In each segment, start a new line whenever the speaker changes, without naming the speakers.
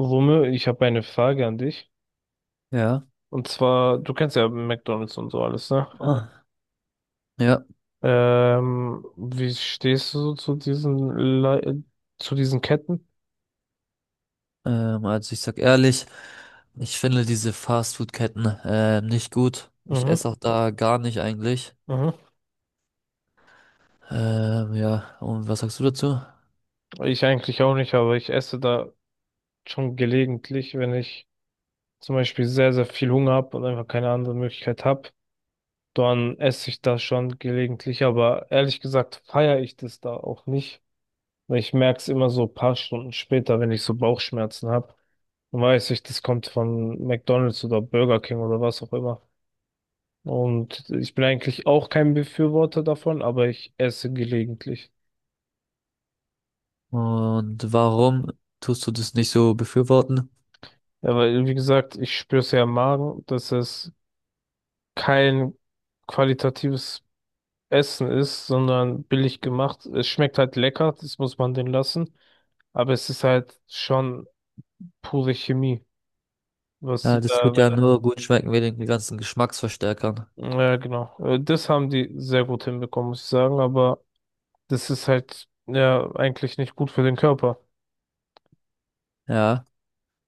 Rumme, ich habe eine Frage an dich.
Ja,
Und zwar, du kennst ja McDonald's und so alles, ne?
Ah, ja,
Wie stehst du so zu diesen Le zu diesen Ketten?
also ich sag ehrlich, ich finde diese Fastfood-Ketten nicht gut. Ich
Mhm,
esse auch da gar nicht eigentlich.
mhm.
Ja, und was sagst du dazu?
Ich eigentlich auch nicht, aber ich esse da schon gelegentlich, wenn ich zum Beispiel sehr, sehr viel Hunger habe und einfach keine andere Möglichkeit habe, dann esse ich das schon gelegentlich. Aber ehrlich gesagt feiere ich das da auch nicht, weil ich merke es immer so ein paar Stunden später, wenn ich so Bauchschmerzen habe. Weiß ich, das kommt von McDonald's oder Burger King oder was auch immer. Und ich bin eigentlich auch kein Befürworter davon, aber ich esse gelegentlich.
Und warum tust du das nicht so befürworten?
Ja, weil, wie gesagt, ich spüre es ja im Magen, dass es kein qualitatives Essen ist, sondern billig gemacht. Es schmeckt halt lecker, das muss man denen lassen. Aber es ist halt schon pure Chemie, was
Ja,
sie
das
da
tut ja
reinkommen.
nur gut schmecken wegen den ganzen Geschmacksverstärkern.
Ja, genau. Das haben die sehr gut hinbekommen, muss ich sagen, aber das ist halt ja eigentlich nicht gut für den Körper.
Ja,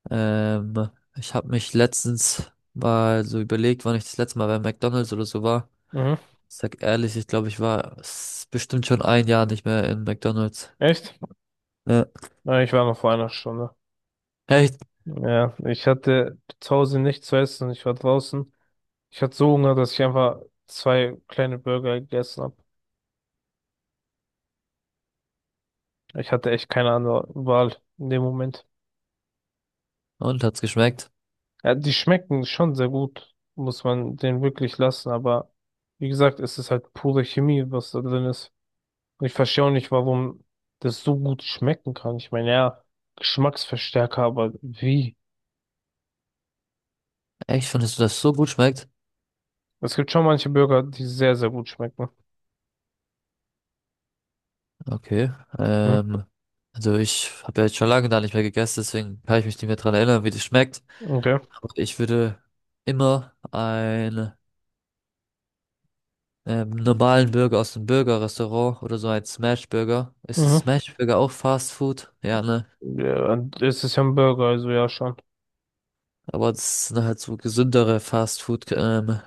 ähm, ich habe mich letztens mal so überlegt, wann ich das letzte Mal bei McDonald's oder so war.
Mhm.
Ich sag ehrlich, ich glaube, bestimmt schon ein Jahr nicht mehr in McDonald's.
Echt?
Ja.
Ja, ich war noch vor einer Stunde.
Echt?
Ja, ich hatte zu Hause nichts zu essen. Ich war draußen. Ich hatte so Hunger, dass ich einfach zwei kleine Burger gegessen habe. Ich hatte echt keine andere Wahl in dem Moment.
Und hat's geschmeckt?
Ja, die schmecken schon sehr gut, muss man den wirklich lassen. Aber wie gesagt, es ist halt pure Chemie, was da drin ist. Und ich verstehe auch nicht, warum das so gut schmecken kann. Ich meine, ja, Geschmacksverstärker, aber wie?
Echt? Findest du, dass es so gut schmeckt?
Es gibt schon manche Burger, die sehr, sehr gut schmecken.
Okay.
Hm.
Ähm, also ich habe ja jetzt schon lange da nicht mehr gegessen, deswegen kann ich mich nicht mehr dran erinnern, wie das schmeckt.
Okay.
Aber ich würde immer einen normalen Burger aus dem Burger-Restaurant oder so ein Smash-Burger. Ist
Mhm.
Smash-Burger auch Fast Food? Ja, ne?
Ja, und es ist ja ein Burger, also ja schon.
Aber das sind halt so gesündere Fast Food-Ketten.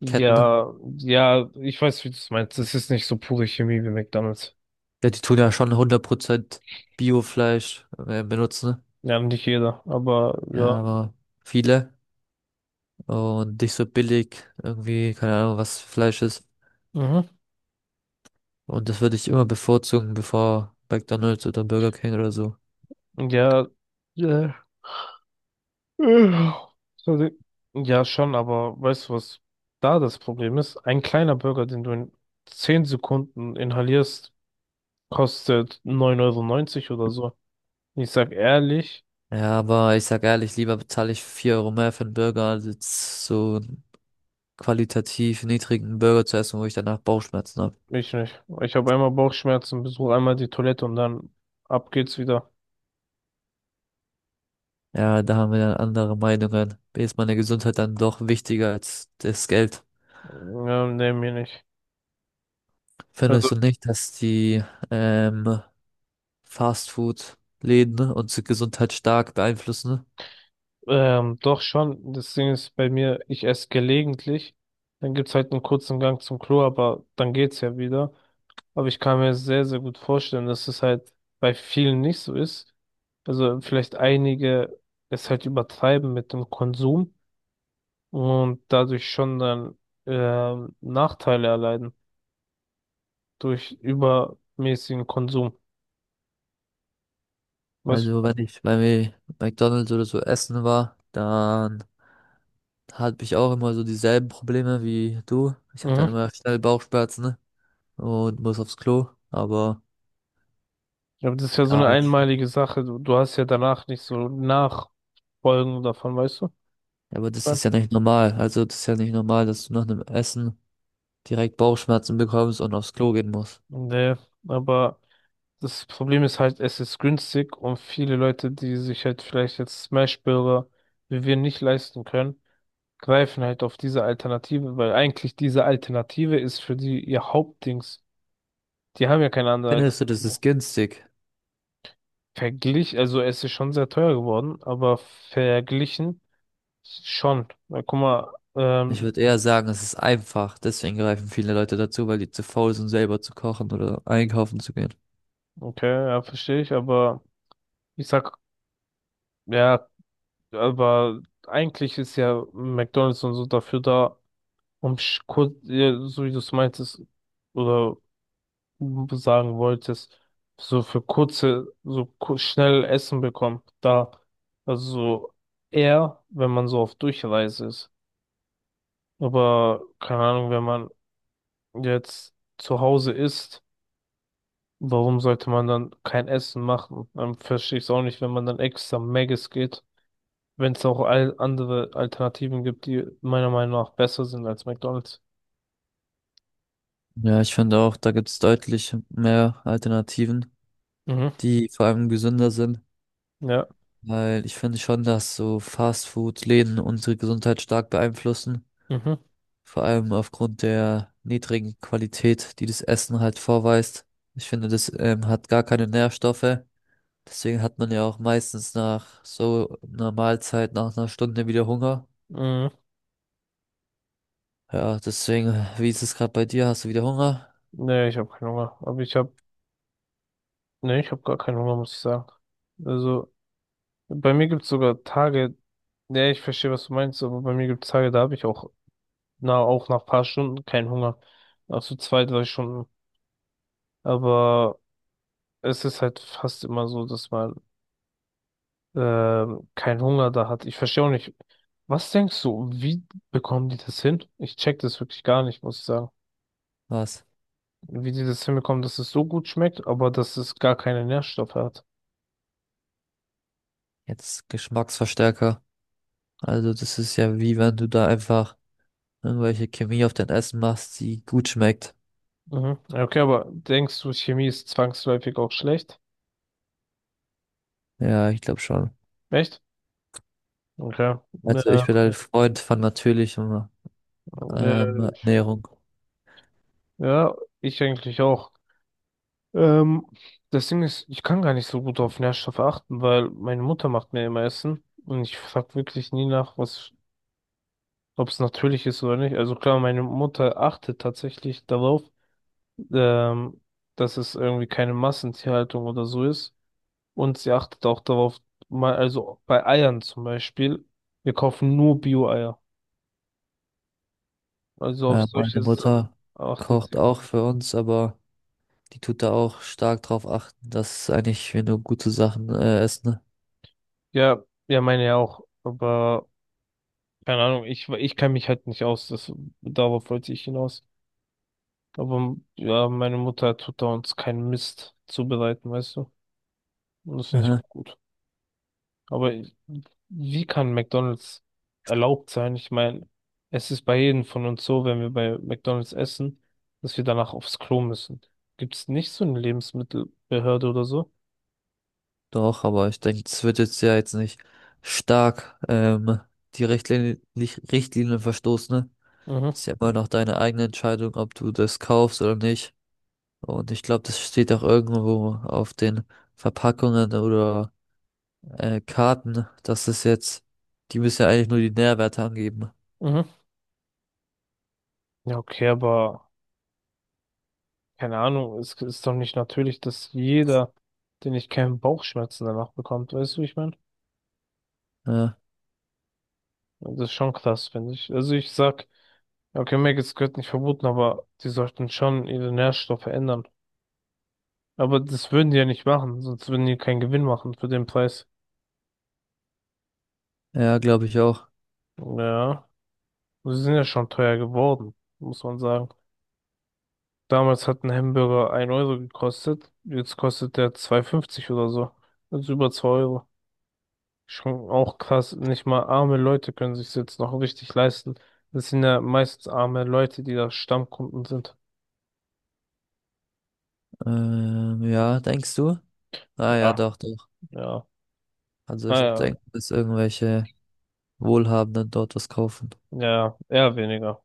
Ja, ja, ich weiß, wie du es meinst. Es ist nicht so pure Chemie wie McDonald's.
Ja, die tun ja schon 100% Biofleisch benutzen.
Ja, nicht jeder, aber
Ja,
ja.
aber viele, und nicht so billig irgendwie, keine Ahnung, was Fleisch ist.
Mhm.
Und das würde ich immer bevorzugen, bevor McDonald's oder Burger King oder so.
Ja, ja. Äh, Sorry. Ja, schon, aber weißt du, was da das Problem ist? Ein kleiner Burger, den du in 10 Sekunden inhalierst, kostet 9,90 € oder so. Ich sag ehrlich.
Ja, aber ich sag ehrlich, lieber bezahle ich 4 Euro mehr für einen Burger, als jetzt so einen qualitativ niedrigen Burger zu essen, wo ich danach Bauchschmerzen habe.
Ich nicht. Ich habe einmal Bauchschmerzen, besuche einmal die Toilette und dann ab geht's wieder.
Ja, da haben wir dann andere Meinungen. Mir ist meine Gesundheit dann doch wichtiger als das Geld.
Ja, nee, mir nicht. Also,
Findest du nicht, dass die ähm, Fastfood-Läden unsere Gesundheit stark beeinflussen?
doch schon. Das Ding ist bei mir, ich esse gelegentlich. Dann gibt's halt einen kurzen Gang zum Klo, aber dann geht's ja wieder. Aber ich kann mir sehr, sehr gut vorstellen, dass es halt bei vielen nicht so ist. Also vielleicht einige es halt übertreiben mit dem Konsum und dadurch schon dann Nachteile erleiden durch übermäßigen Konsum. Was?
Also wenn ich bei McDonald's oder so essen war, dann hatte ich auch immer so dieselben Probleme wie du. Ich habe
Mhm.
dann immer schnell Bauchschmerzen, ne, und muss aufs Klo. Aber
Ja, aber das ist ja so eine
ja,
einmalige Sache. Du hast ja danach nicht so Nachfolgen davon, weißt du, was
aber
ich
das
meine?
ist ja nicht normal. Also das ist ja nicht normal, dass du nach einem Essen direkt Bauchschmerzen bekommst und aufs Klo gehen musst.
Nee, aber das Problem ist halt, es ist günstig und viele Leute, die sich halt vielleicht jetzt Smash-Burger wie wir nicht leisten können, greifen halt auf diese Alternative, weil eigentlich diese Alternative ist für die ihr Hauptdings. Die haben ja keine andere
Findest du, das
Alternative.
ist günstig?
Also es ist schon sehr teuer geworden, aber verglichen schon. Na, guck mal,
Ich würde eher sagen, es ist einfach. Deswegen greifen viele Leute dazu, weil die zu faul sind, selber zu kochen oder einkaufen zu gehen.
okay, ja, verstehe ich, aber ich sag, ja, aber eigentlich ist ja McDonald's und so dafür da, um ja, so wie du es meintest oder sagen wolltest, so für kurze, so schnell Essen bekommt, da, also eher, wenn man so auf Durchreise ist. Aber keine Ahnung, wenn man jetzt zu Hause ist, warum sollte man dann kein Essen machen? Dann verstehe ich es auch nicht, wenn man dann extra Maggis geht. Wenn es auch all andere Alternativen gibt, die meiner Meinung nach besser sind als McDonald's.
Ja, ich finde auch, da gibt es deutlich mehr Alternativen,
Mhm.
die vor allem gesünder sind,
Ja.
weil ich finde schon, dass so Fastfood-Läden unsere Gesundheit stark beeinflussen,
Mhm.
vor allem aufgrund der niedrigen Qualität, die das Essen halt vorweist. Ich finde, das hat gar keine Nährstoffe, deswegen hat man ja auch meistens nach so einer Mahlzeit, nach einer Stunde wieder Hunger.
Mhm.
Ja, deswegen, wie ist es gerade bei dir? Hast du wieder Hunger?
Nee, ich habe keinen Hunger. Aber nee, ich habe gar keinen Hunger, muss ich sagen. Also, bei mir gibt es sogar Tage, nee, ich verstehe, was du meinst, aber bei mir gibt es Tage, da habe ich auch, na, auch nach paar Stunden keinen Hunger. Nach so 2, 3 Stunden. Aber es ist halt fast immer so, dass man keinen Hunger da hat. Ich verstehe auch nicht. Was denkst du, wie bekommen die das hin? Ich check das wirklich gar nicht, muss ich sagen.
Was?
Wie die das hinbekommen, dass es so gut schmeckt, aber dass es gar keine Nährstoffe hat.
Jetzt Geschmacksverstärker. Also das ist ja, wie wenn du da einfach irgendwelche Chemie auf dein Essen machst, die gut schmeckt.
Mhm. Ja, okay, aber denkst du, Chemie ist zwangsläufig auch schlecht?
Ja, ich glaube schon.
Echt? Okay.
Also
Äh,
ich bin ein Freund von natürlicher
äh,
Ernährung.
ja, ich eigentlich auch. Ähm, das Ding ist, ich kann gar nicht so gut auf Nährstoffe achten, weil meine Mutter macht mir immer Essen und ich frag wirklich nie nach, was ob es natürlich ist oder nicht. Also klar, meine Mutter achtet tatsächlich darauf, ähm, dass es irgendwie keine Massentierhaltung oder so ist. Und sie achtet auch darauf, mal, also bei Eiern zum Beispiel, wir kaufen nur Bio-Eier. Also auf
Ja, meine
solche Sachen
Mutter
achtet
kocht
sie.
auch für uns, aber die tut da auch stark drauf achten, dass eigentlich wir nur gute Sachen essen.
Ja, ja, meine ja auch. Aber keine Ahnung, ich kenne mich halt nicht aus. Darauf wollte ich hinaus. Aber ja, meine Mutter tut da uns keinen Mist zubereiten, weißt du? Und das finde ich
Aha.
auch gut. Aber wie kann McDonald's erlaubt sein? Ich meine, es ist bei jedem von uns so, wenn wir bei McDonald's essen, dass wir danach aufs Klo müssen. Gibt es nicht so eine Lebensmittelbehörde oder so?
Doch, aber ich denke, es wird jetzt ja jetzt nicht stark die Richtlinien verstoßen. Ne?
Mhm,
Das ist ja immer noch deine eigene Entscheidung, ob du das kaufst oder nicht. Und ich glaube, das steht auch irgendwo auf den Verpackungen oder Karten, dass das jetzt, die müssen ja eigentlich nur die Nährwerte angeben.
mhm. Ja, okay, aber keine Ahnung, es ist doch nicht natürlich, dass jeder, den ich kenne, Bauchschmerzen danach bekommt. Weißt du, wie ich meine?
Ja,
Das ist schon krass, finde ich. Also ich sag, ja, okay, Es gehört nicht verboten, aber die sollten schon ihre Nährstoffe ändern. Aber das würden die ja nicht machen, sonst würden die keinen Gewinn machen für den Preis.
ja, glaube ich auch.
Ja, sie sind ja schon teuer geworden, muss man sagen. Damals hat ein Hamburger 1 Euro gekostet, jetzt kostet der 2,50 € oder so. Also über 2 Euro. Schon auch krass, nicht mal arme Leute können sich jetzt noch richtig leisten. Das sind ja meistens arme Leute, die da Stammkunden sind.
Ja, denkst du? Ah ja,
Ja,
doch, doch.
ja.
Also ich
Naja,
denke, dass irgendwelche Wohlhabenden dort was kaufen.
ja, eher weniger.